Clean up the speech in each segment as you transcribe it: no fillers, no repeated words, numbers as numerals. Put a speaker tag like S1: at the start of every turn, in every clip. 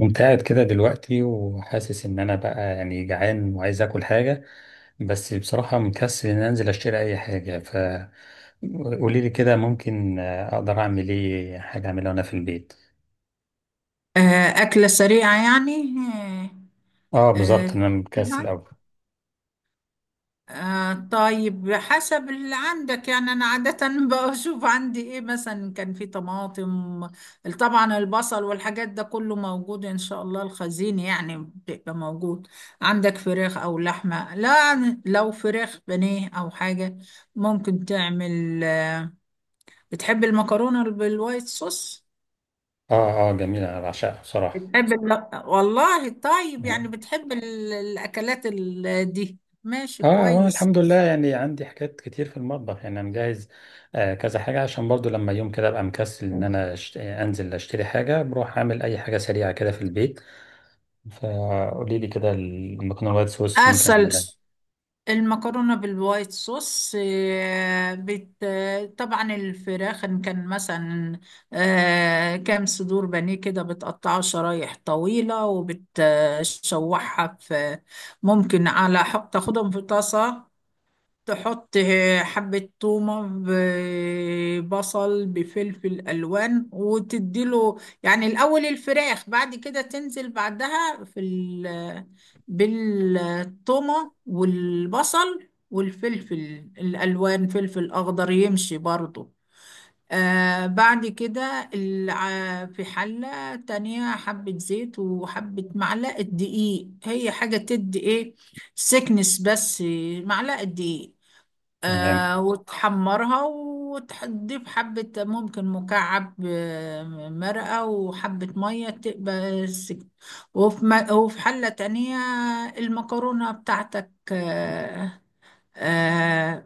S1: قمت قاعد كده دلوقتي وحاسس ان انا بقى يعني جعان وعايز اكل حاجة. بس بصراحة مكسل ان انزل اشتري اي حاجة. فقولي لي كده ممكن اقدر اعمل ايه، حاجة اعملها وانا في البيت.
S2: آه، أكلة سريعة يعني.
S1: اه
S2: آه،
S1: بالظبط انا مكسل
S2: آه،
S1: اوي.
S2: آه، طيب حسب اللي عندك يعني. أنا عادة بشوف عندي إيه، مثلا كان في طماطم، طبعا البصل والحاجات ده كله موجود، إن شاء الله الخزين يعني بيبقى موجود. عندك فراخ أو لحمة؟ لا، لو فراخ بانيه أو حاجة ممكن تعمل. بتحب المكرونة بالوايت صوص؟
S1: اه اه، جميلة انا بعشقها بصراحة.
S2: بتحب والله طيب، يعني
S1: مم.
S2: بتحب الأكلات دي. ماشي
S1: اه وانا
S2: كويس.
S1: الحمد لله يعني عندي حاجات كتير في المطبخ، يعني انا مجهز آه كذا حاجة، عشان برضو لما يوم كده ابقى مكسل ان انا انزل اشتري حاجة بروح اعمل اي حاجة سريعة كده في البيت. فقولي لي كده المكرونه الوايت صوص ممكن
S2: أصل
S1: اعملها.
S2: المكرونة بالوايت صوص، آه، بت... آه، طبعا الفراخ إن كان مثلا كام صدور بانيه كده، بتقطعها شرايح طويلة وبتشوحها في. ممكن على حق تاخدهم في طاسة، تحط حبة تومة ببصل بفلفل ألوان وتديله، يعني الأول الفراخ، بعد كده تنزل بعدها في ال بالتومة والبصل والفلفل الألوان، فلفل أخضر يمشي برضو. آه، بعد كده في حلة تانية حبة زيت وحبة معلقة دقيق، هي حاجة تدي إيه، سكنس بس، معلقة دقيق.
S1: تمام.
S2: آه، وتحمرها وتضيف حبة، ممكن مكعب مرقة وحبة مية تبقى وفي حلة تانية المكرونة بتاعتك. آه، آه،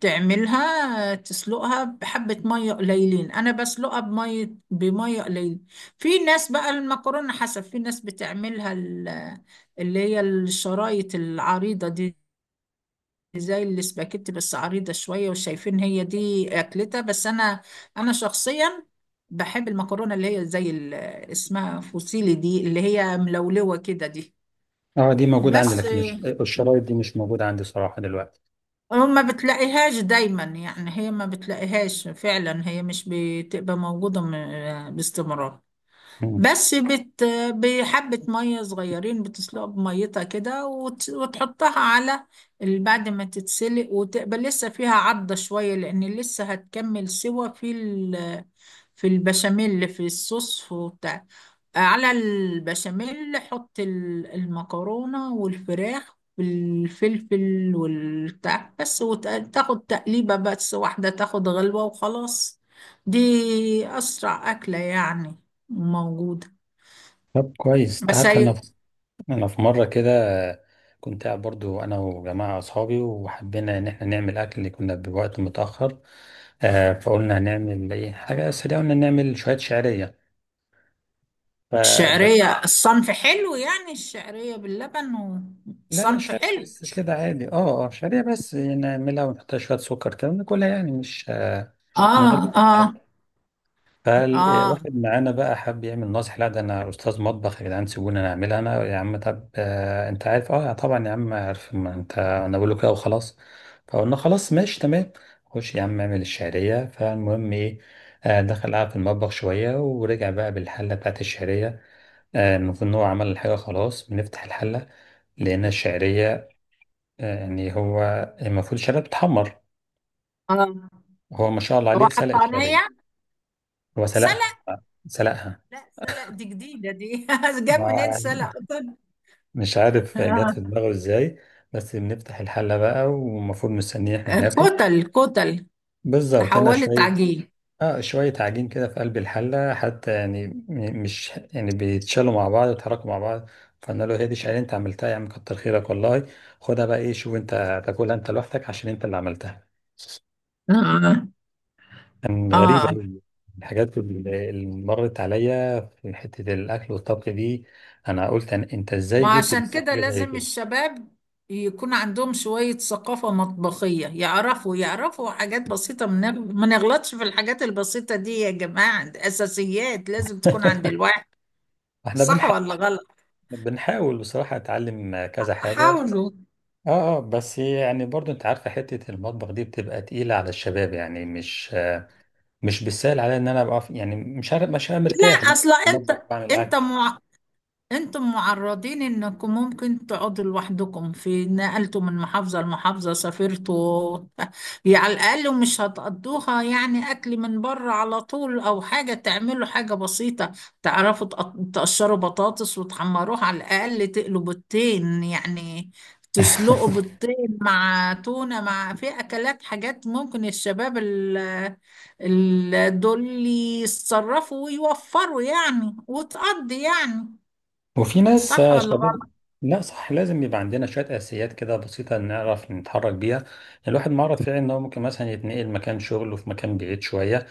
S2: تعملها، تسلقها بحبة مية قليلين، أنا بسلقها بمية قليلة. في ناس بقى المكرونة حسب، في ناس بتعملها اللي هي الشرايط العريضة دي، زي الاسباجيتي بس عريضة شوية، وشايفين هي دي أكلتها. بس أنا شخصيا بحب المكرونة اللي هي زي اسمها فوسيلي دي، اللي هي ملولوة كده دي.
S1: اه دي موجوده عندي،
S2: بس
S1: لكن الشرايط دي مش موجوده عندي صراحه دلوقتي.
S2: آه، ما بتلاقيهاش دايما يعني، هي ما بتلاقيهاش فعلا، هي مش بتبقى موجودة باستمرار.
S1: مم.
S2: بس، بحبة مية صغيرين بتسلقها بميتها كده وتحطها على بعد ما تتسلق وتقبل لسه فيها عضة شوية، لأن لسه هتكمل سوا في في البشاميل اللي في الصوص وبتاع. على البشاميل حط المكرونة والفراخ والفلفل والبتاع، بس وتاخد تقليبة بس واحدة، تاخد غلوة وخلاص. دي أسرع أكلة يعني، موجودة.
S1: طب كويس، انت
S2: بس
S1: عارف
S2: هي
S1: انا في مره كده كنت قاعد برضو انا وجماعه اصحابي، وحبينا ان احنا نعمل اكل اللي كنا بوقت متاخر. آه فقلنا هنعمل ايه، حاجه سريعه، قلنا نعمل شويه شعريه فبس.
S2: الشعرية الصنف حلو يعني، الشعرية باللبن
S1: لا
S2: وصنف
S1: شعريه
S2: حلو.
S1: بس كده عادي، اه اه شعريه بس نعملها ونحطها شويه سكر كده ناكلها، يعني مش من غير.
S2: اه اه. اه
S1: فواحد معانا بقى حب يعمل ناصح، لا ده انا استاذ مطبخ يا جدعان سيبوني انا اعملها، انا يا عم، طب آه انت عارف اه طبعا يا عم عارف، ما انت انا بقول له كده وخلاص. فقلنا خلاص ماشي تمام. خش يا عم اعمل الشعريه، فالمهم ايه، آه دخل قعد في المطبخ شويه، ورجع بقى بالحله بتاعت الشعريه. آه المفروض ان هو عمل الحاجه خلاص، بنفتح الحله لقينا الشعريه، آه يعني هو المفروض الشعريه بتحمر،
S2: اه.
S1: هو ما شاء الله
S2: هو
S1: عليه سلق
S2: حطانية،
S1: الشعريه. هو سلقها.
S2: سلق. لا، سلق دي جديدة دي جاب منين
S1: سلقها
S2: سلق قطن.
S1: مش عارف جت
S2: آه.
S1: في دماغه ازاي. بس بنفتح الحلة بقى، والمفروض مستنيين احنا ناكل،
S2: كتل كتل،
S1: بالظبط هنا
S2: تحولت
S1: شوية.
S2: عجين.
S1: اه شوية عجين كده في قلب الحلة، حتى يعني مش يعني بيتشالوا مع بعض ويتحركوا مع بعض. فانا له هي دي شعير انت عملتها يا عم؟ كتر خيرك والله، خدها بقى ايه شوف انت هتاكلها انت لوحدك عشان انت اللي عملتها.
S2: اه
S1: كان غريب
S2: اه.
S1: أوي. الحاجات اللي مرت عليا في حتة الأكل والطبخ دي، أنا قلت أنا أنت إزاي
S2: ما
S1: جه في
S2: عشان
S1: دماغك
S2: كده
S1: حاجة زي
S2: لازم
S1: كده؟
S2: الشباب يكون عندهم شوية ثقافة مطبخية، يعرفوا حاجات بسيطة، ما نغلطش في الحاجات البسيطة دي يا جماعة، دي أساسيات لازم تكون عند الواحد.
S1: إحنا
S2: صح
S1: بنحاول،
S2: ولا غلط؟
S1: بصراحة أتعلم كذا حاجة.
S2: حاولوا.
S1: اه اه، بس يعني برضو انت عارفة حتة المطبخ دي بتبقى تقيلة على الشباب، يعني مش بالسهل عليا ان انا ابقى يعني مش عارف، مش هبقى مرتاح ان
S2: لا،
S1: انا
S2: أصلا
S1: في
S2: أنت
S1: المطبخ بعمل
S2: أنت
S1: اكل.
S2: انتم معرضين انكم ممكن تقعدوا لوحدكم، في نقلتوا من محافظة لمحافظة، سافرتوا يعني على الاقل مش هتقضوها يعني اكل من بره على طول، او حاجة تعملوا حاجة بسيطة. تعرفوا تقشروا بطاطس وتحمروها، على الاقل تقلوا بيضتين، يعني تسلقوا بيضتين مع تونة، مع في اكلات حاجات ممكن الشباب دول يتصرفوا ويوفروا يعني، وتقضي يعني.
S1: وفي ناس
S2: صح ولا
S1: شباب.
S2: غلط؟
S1: لا صح، لازم يبقى عندنا شوية أساسيات كده بسيطة نعرف نتحرك بيها. الواحد معرض فعلا إن هو ممكن مثلا يتنقل مكان شغل وفي مكان بعيد شوية،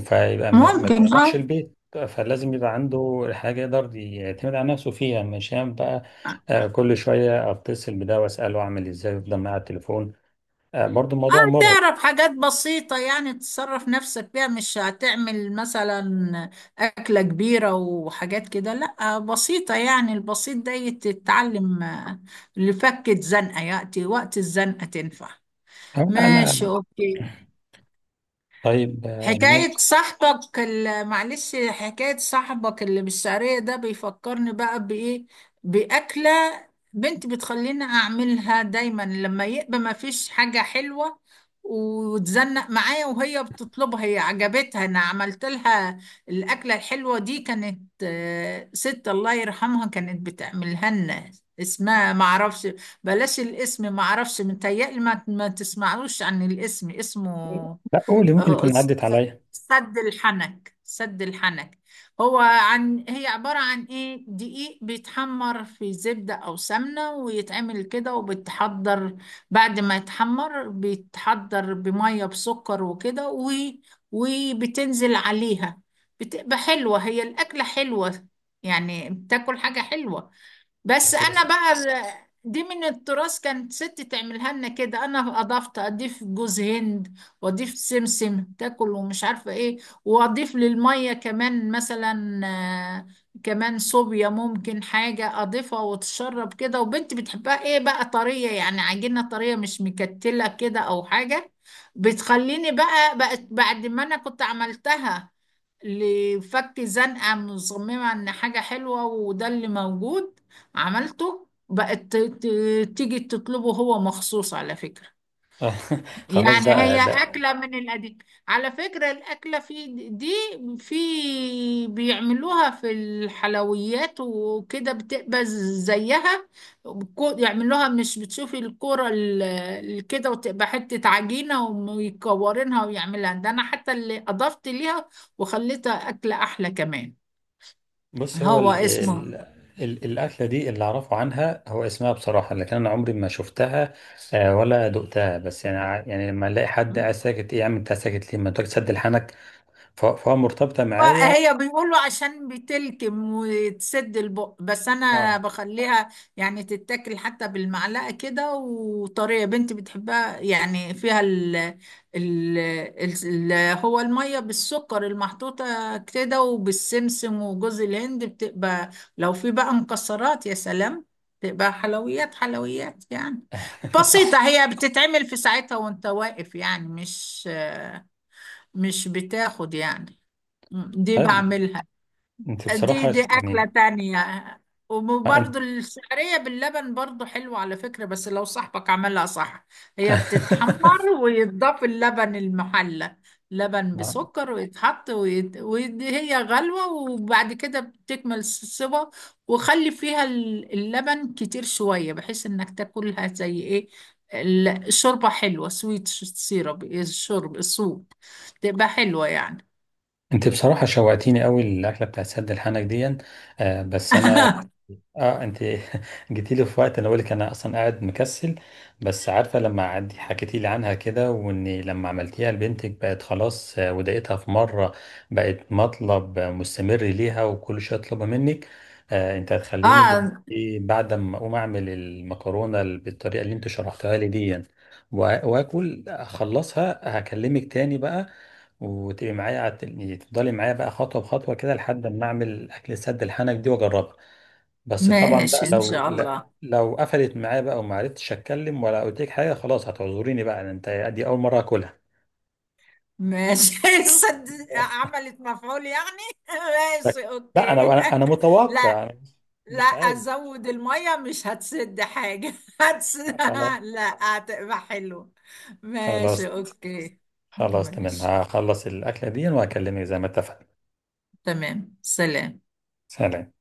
S1: فيبقى ما
S2: ممكن
S1: بيروحش
S2: اه.
S1: البيت، فلازم يبقى عنده حاجة يقدر يعتمد على نفسه فيها، مش يعني بقى كل شوية أتصل بده وأسأله أعمل إزاي ويفضل معاه على التليفون، آه، برضو الموضوع
S2: اه،
S1: مرهق.
S2: تعرف حاجات بسيطة يعني تصرف نفسك بيها، مش هتعمل مثلا أكلة كبيرة وحاجات كده، لا، بسيطة يعني، البسيط ده يتتعلم آه، لفكة زنقة، يأتي وقت الزنقة تنفع.
S1: أه لا
S2: ماشي
S1: أنا
S2: أوكي.
S1: طيب
S2: حكاية
S1: ماشي.
S2: صاحبك معلش، حكاية صاحبك اللي بالشعرية ده بيفكرني بقى بإيه، بأكلة بنتي بتخليني أعملها دايما، لما يبقى ما فيش حاجة حلوة وتزنق معايا وهي بتطلبها، هي عجبتها أنا عملت لها الأكلة الحلوة دي. كانت آه، ست الله يرحمها كانت بتعملها لنا، اسمها معرفش، بلاش الاسم، معرفش متهيألي ما تسمعلوش عن الاسم. اسمه
S1: لا قولي ممكن
S2: آه،
S1: يكون عدت عليا.
S2: سد الحنك، سد الحنك. هو عن هي عبارة عن ايه، دقيق بيتحمر في زبدة او سمنة ويتعمل كده، وبتحضر بعد ما يتحمر، بيتحضر بمية بسكر وكده، و... وبتنزل عليها، بتبقى حلوة، هي الأكلة حلوة يعني، بتاكل حاجة حلوة. بس
S1: بس هي
S2: انا
S1: س-
S2: بقى دي من التراث، كانت ستي تعملها لنا كده، انا اضفت، اضيف جوز هند واضيف سمسم تاكل ومش عارفه ايه، واضيف للميه كمان مثلا آه، كمان صوبيا، ممكن حاجه اضيفها وتشرب كده. وبنتي بتحبها ايه بقى، طريه يعني عجينه طريه، مش مكتله كده او حاجه. بتخليني بقى بقت بعد ما انا كنت عملتها لفك زنقه، مصممه ان حاجه حلوه، وده اللي موجود عملته، بقت تيجي تطلبه، هو مخصوص على فكرة، يعني
S1: خلاص
S2: أحسن، هي
S1: بقى, بقى
S2: أكلة من القديم. على فكرة الأكلة دي، في بيعملوها في الحلويات وكده، بتبقى زيها. يعملوها، مش بتشوفي الكرة كده، وتبقى حتة عجينة ويكورينها ويعملها ده، أنا حتى اللي أضفت ليها وخليتها أكلة أحلى كمان.
S1: بص هو
S2: هو
S1: ال
S2: اسمه،
S1: ال ال الأكلة دي اللي أعرفه عنها هو اسمها بصراحة، لكن أنا عمري ما شفتها آه، ولا دقتها، بس يعني يعني لما ألاقي حد قاعد ساكت، إيه يا عم أنت ساكت ليه، ما أنت تسد لحنك. فهو مرتبطة معايا.
S2: هي بيقولوا عشان بتلكم وتسد البق، بس انا
S1: أه
S2: بخليها يعني تتاكل حتى بالمعلقه كده، وطريه، بنتي بتحبها يعني، فيها ال ال ال هو الميه بالسكر المحطوطه كده وبالسمسم وجوز الهند، بتبقى لو في بقى مكسرات يا سلام، بتبقى حلويات حلويات يعني. بسيطه، هي بتتعمل في ساعتها وانت واقف، يعني مش بتاخد يعني. مم، دي
S1: طيب
S2: بعملها.
S1: أنت
S2: دي
S1: بصراحة
S2: دي أكلة
S1: يعني
S2: تانية.
S1: آه،
S2: وبرضو
S1: أنت
S2: الشعرية باللبن برضو حلوة على فكرة، بس لو صاحبك عملها صح، هي بتتحمر ويتضاف اللبن المحلى، لبن
S1: آه،
S2: بسكر، ويتحط وهي غلوة، وبعد كده بتكمل السوا، وخلي فيها اللبن كتير شوية بحيث انك تاكلها زي ايه، شوربة حلوة، سويت سيرب، الشرب الصوب، تبقى حلوة يعني.
S1: أنت بصراحة شوقتيني قوي الأكلة بتاعت سد الحنك دي. آه، بس أنا اه انت جيتي لي في وقت انا بقولك انا اصلا قاعد مكسل. بس عارفه لما عدي حكيتي لي عنها كده، وان لما عملتيها لبنتك بقت خلاص آه، ودقتها في مره بقت مطلب آه، مستمر ليها وكل شويه اطلبها منك. آه انت هتخليني
S2: اه،
S1: دلوقتي بعد ما اقوم اعمل المكرونه بالطريقه اللي انت شرحتها لي دي، واكل اخلصها هكلمك تاني بقى. وتبقي معايا على تفضلي معايا بقى خطوه بخطوه كده لحد ما اعمل اكل سد الحنك دي واجربها. بس طبعا بقى
S2: ماشي إن
S1: لو
S2: شاء الله.
S1: لو قفلت معايا بقى وما عرفتش اتكلم ولا قلت لك حاجه، خلاص هتعذريني بقى انت، دي اول مره اكلها.
S2: ماشي عملت مفعول يعني
S1: شك-
S2: ماشي
S1: لا انا
S2: أوكي.
S1: انا أنا
S2: لا،
S1: متوقع، أنا
S2: لا
S1: مش عارف.
S2: أزود المية مش هتسد حاجة
S1: خلاص
S2: لا هتبقى حلو. ماشي
S1: خلاص.
S2: أوكي.
S1: خلاص تمام
S2: ماشي
S1: هخلص الاكله دي وهكلمك زي ما اتفقنا.
S2: تمام، سلام.
S1: سلام.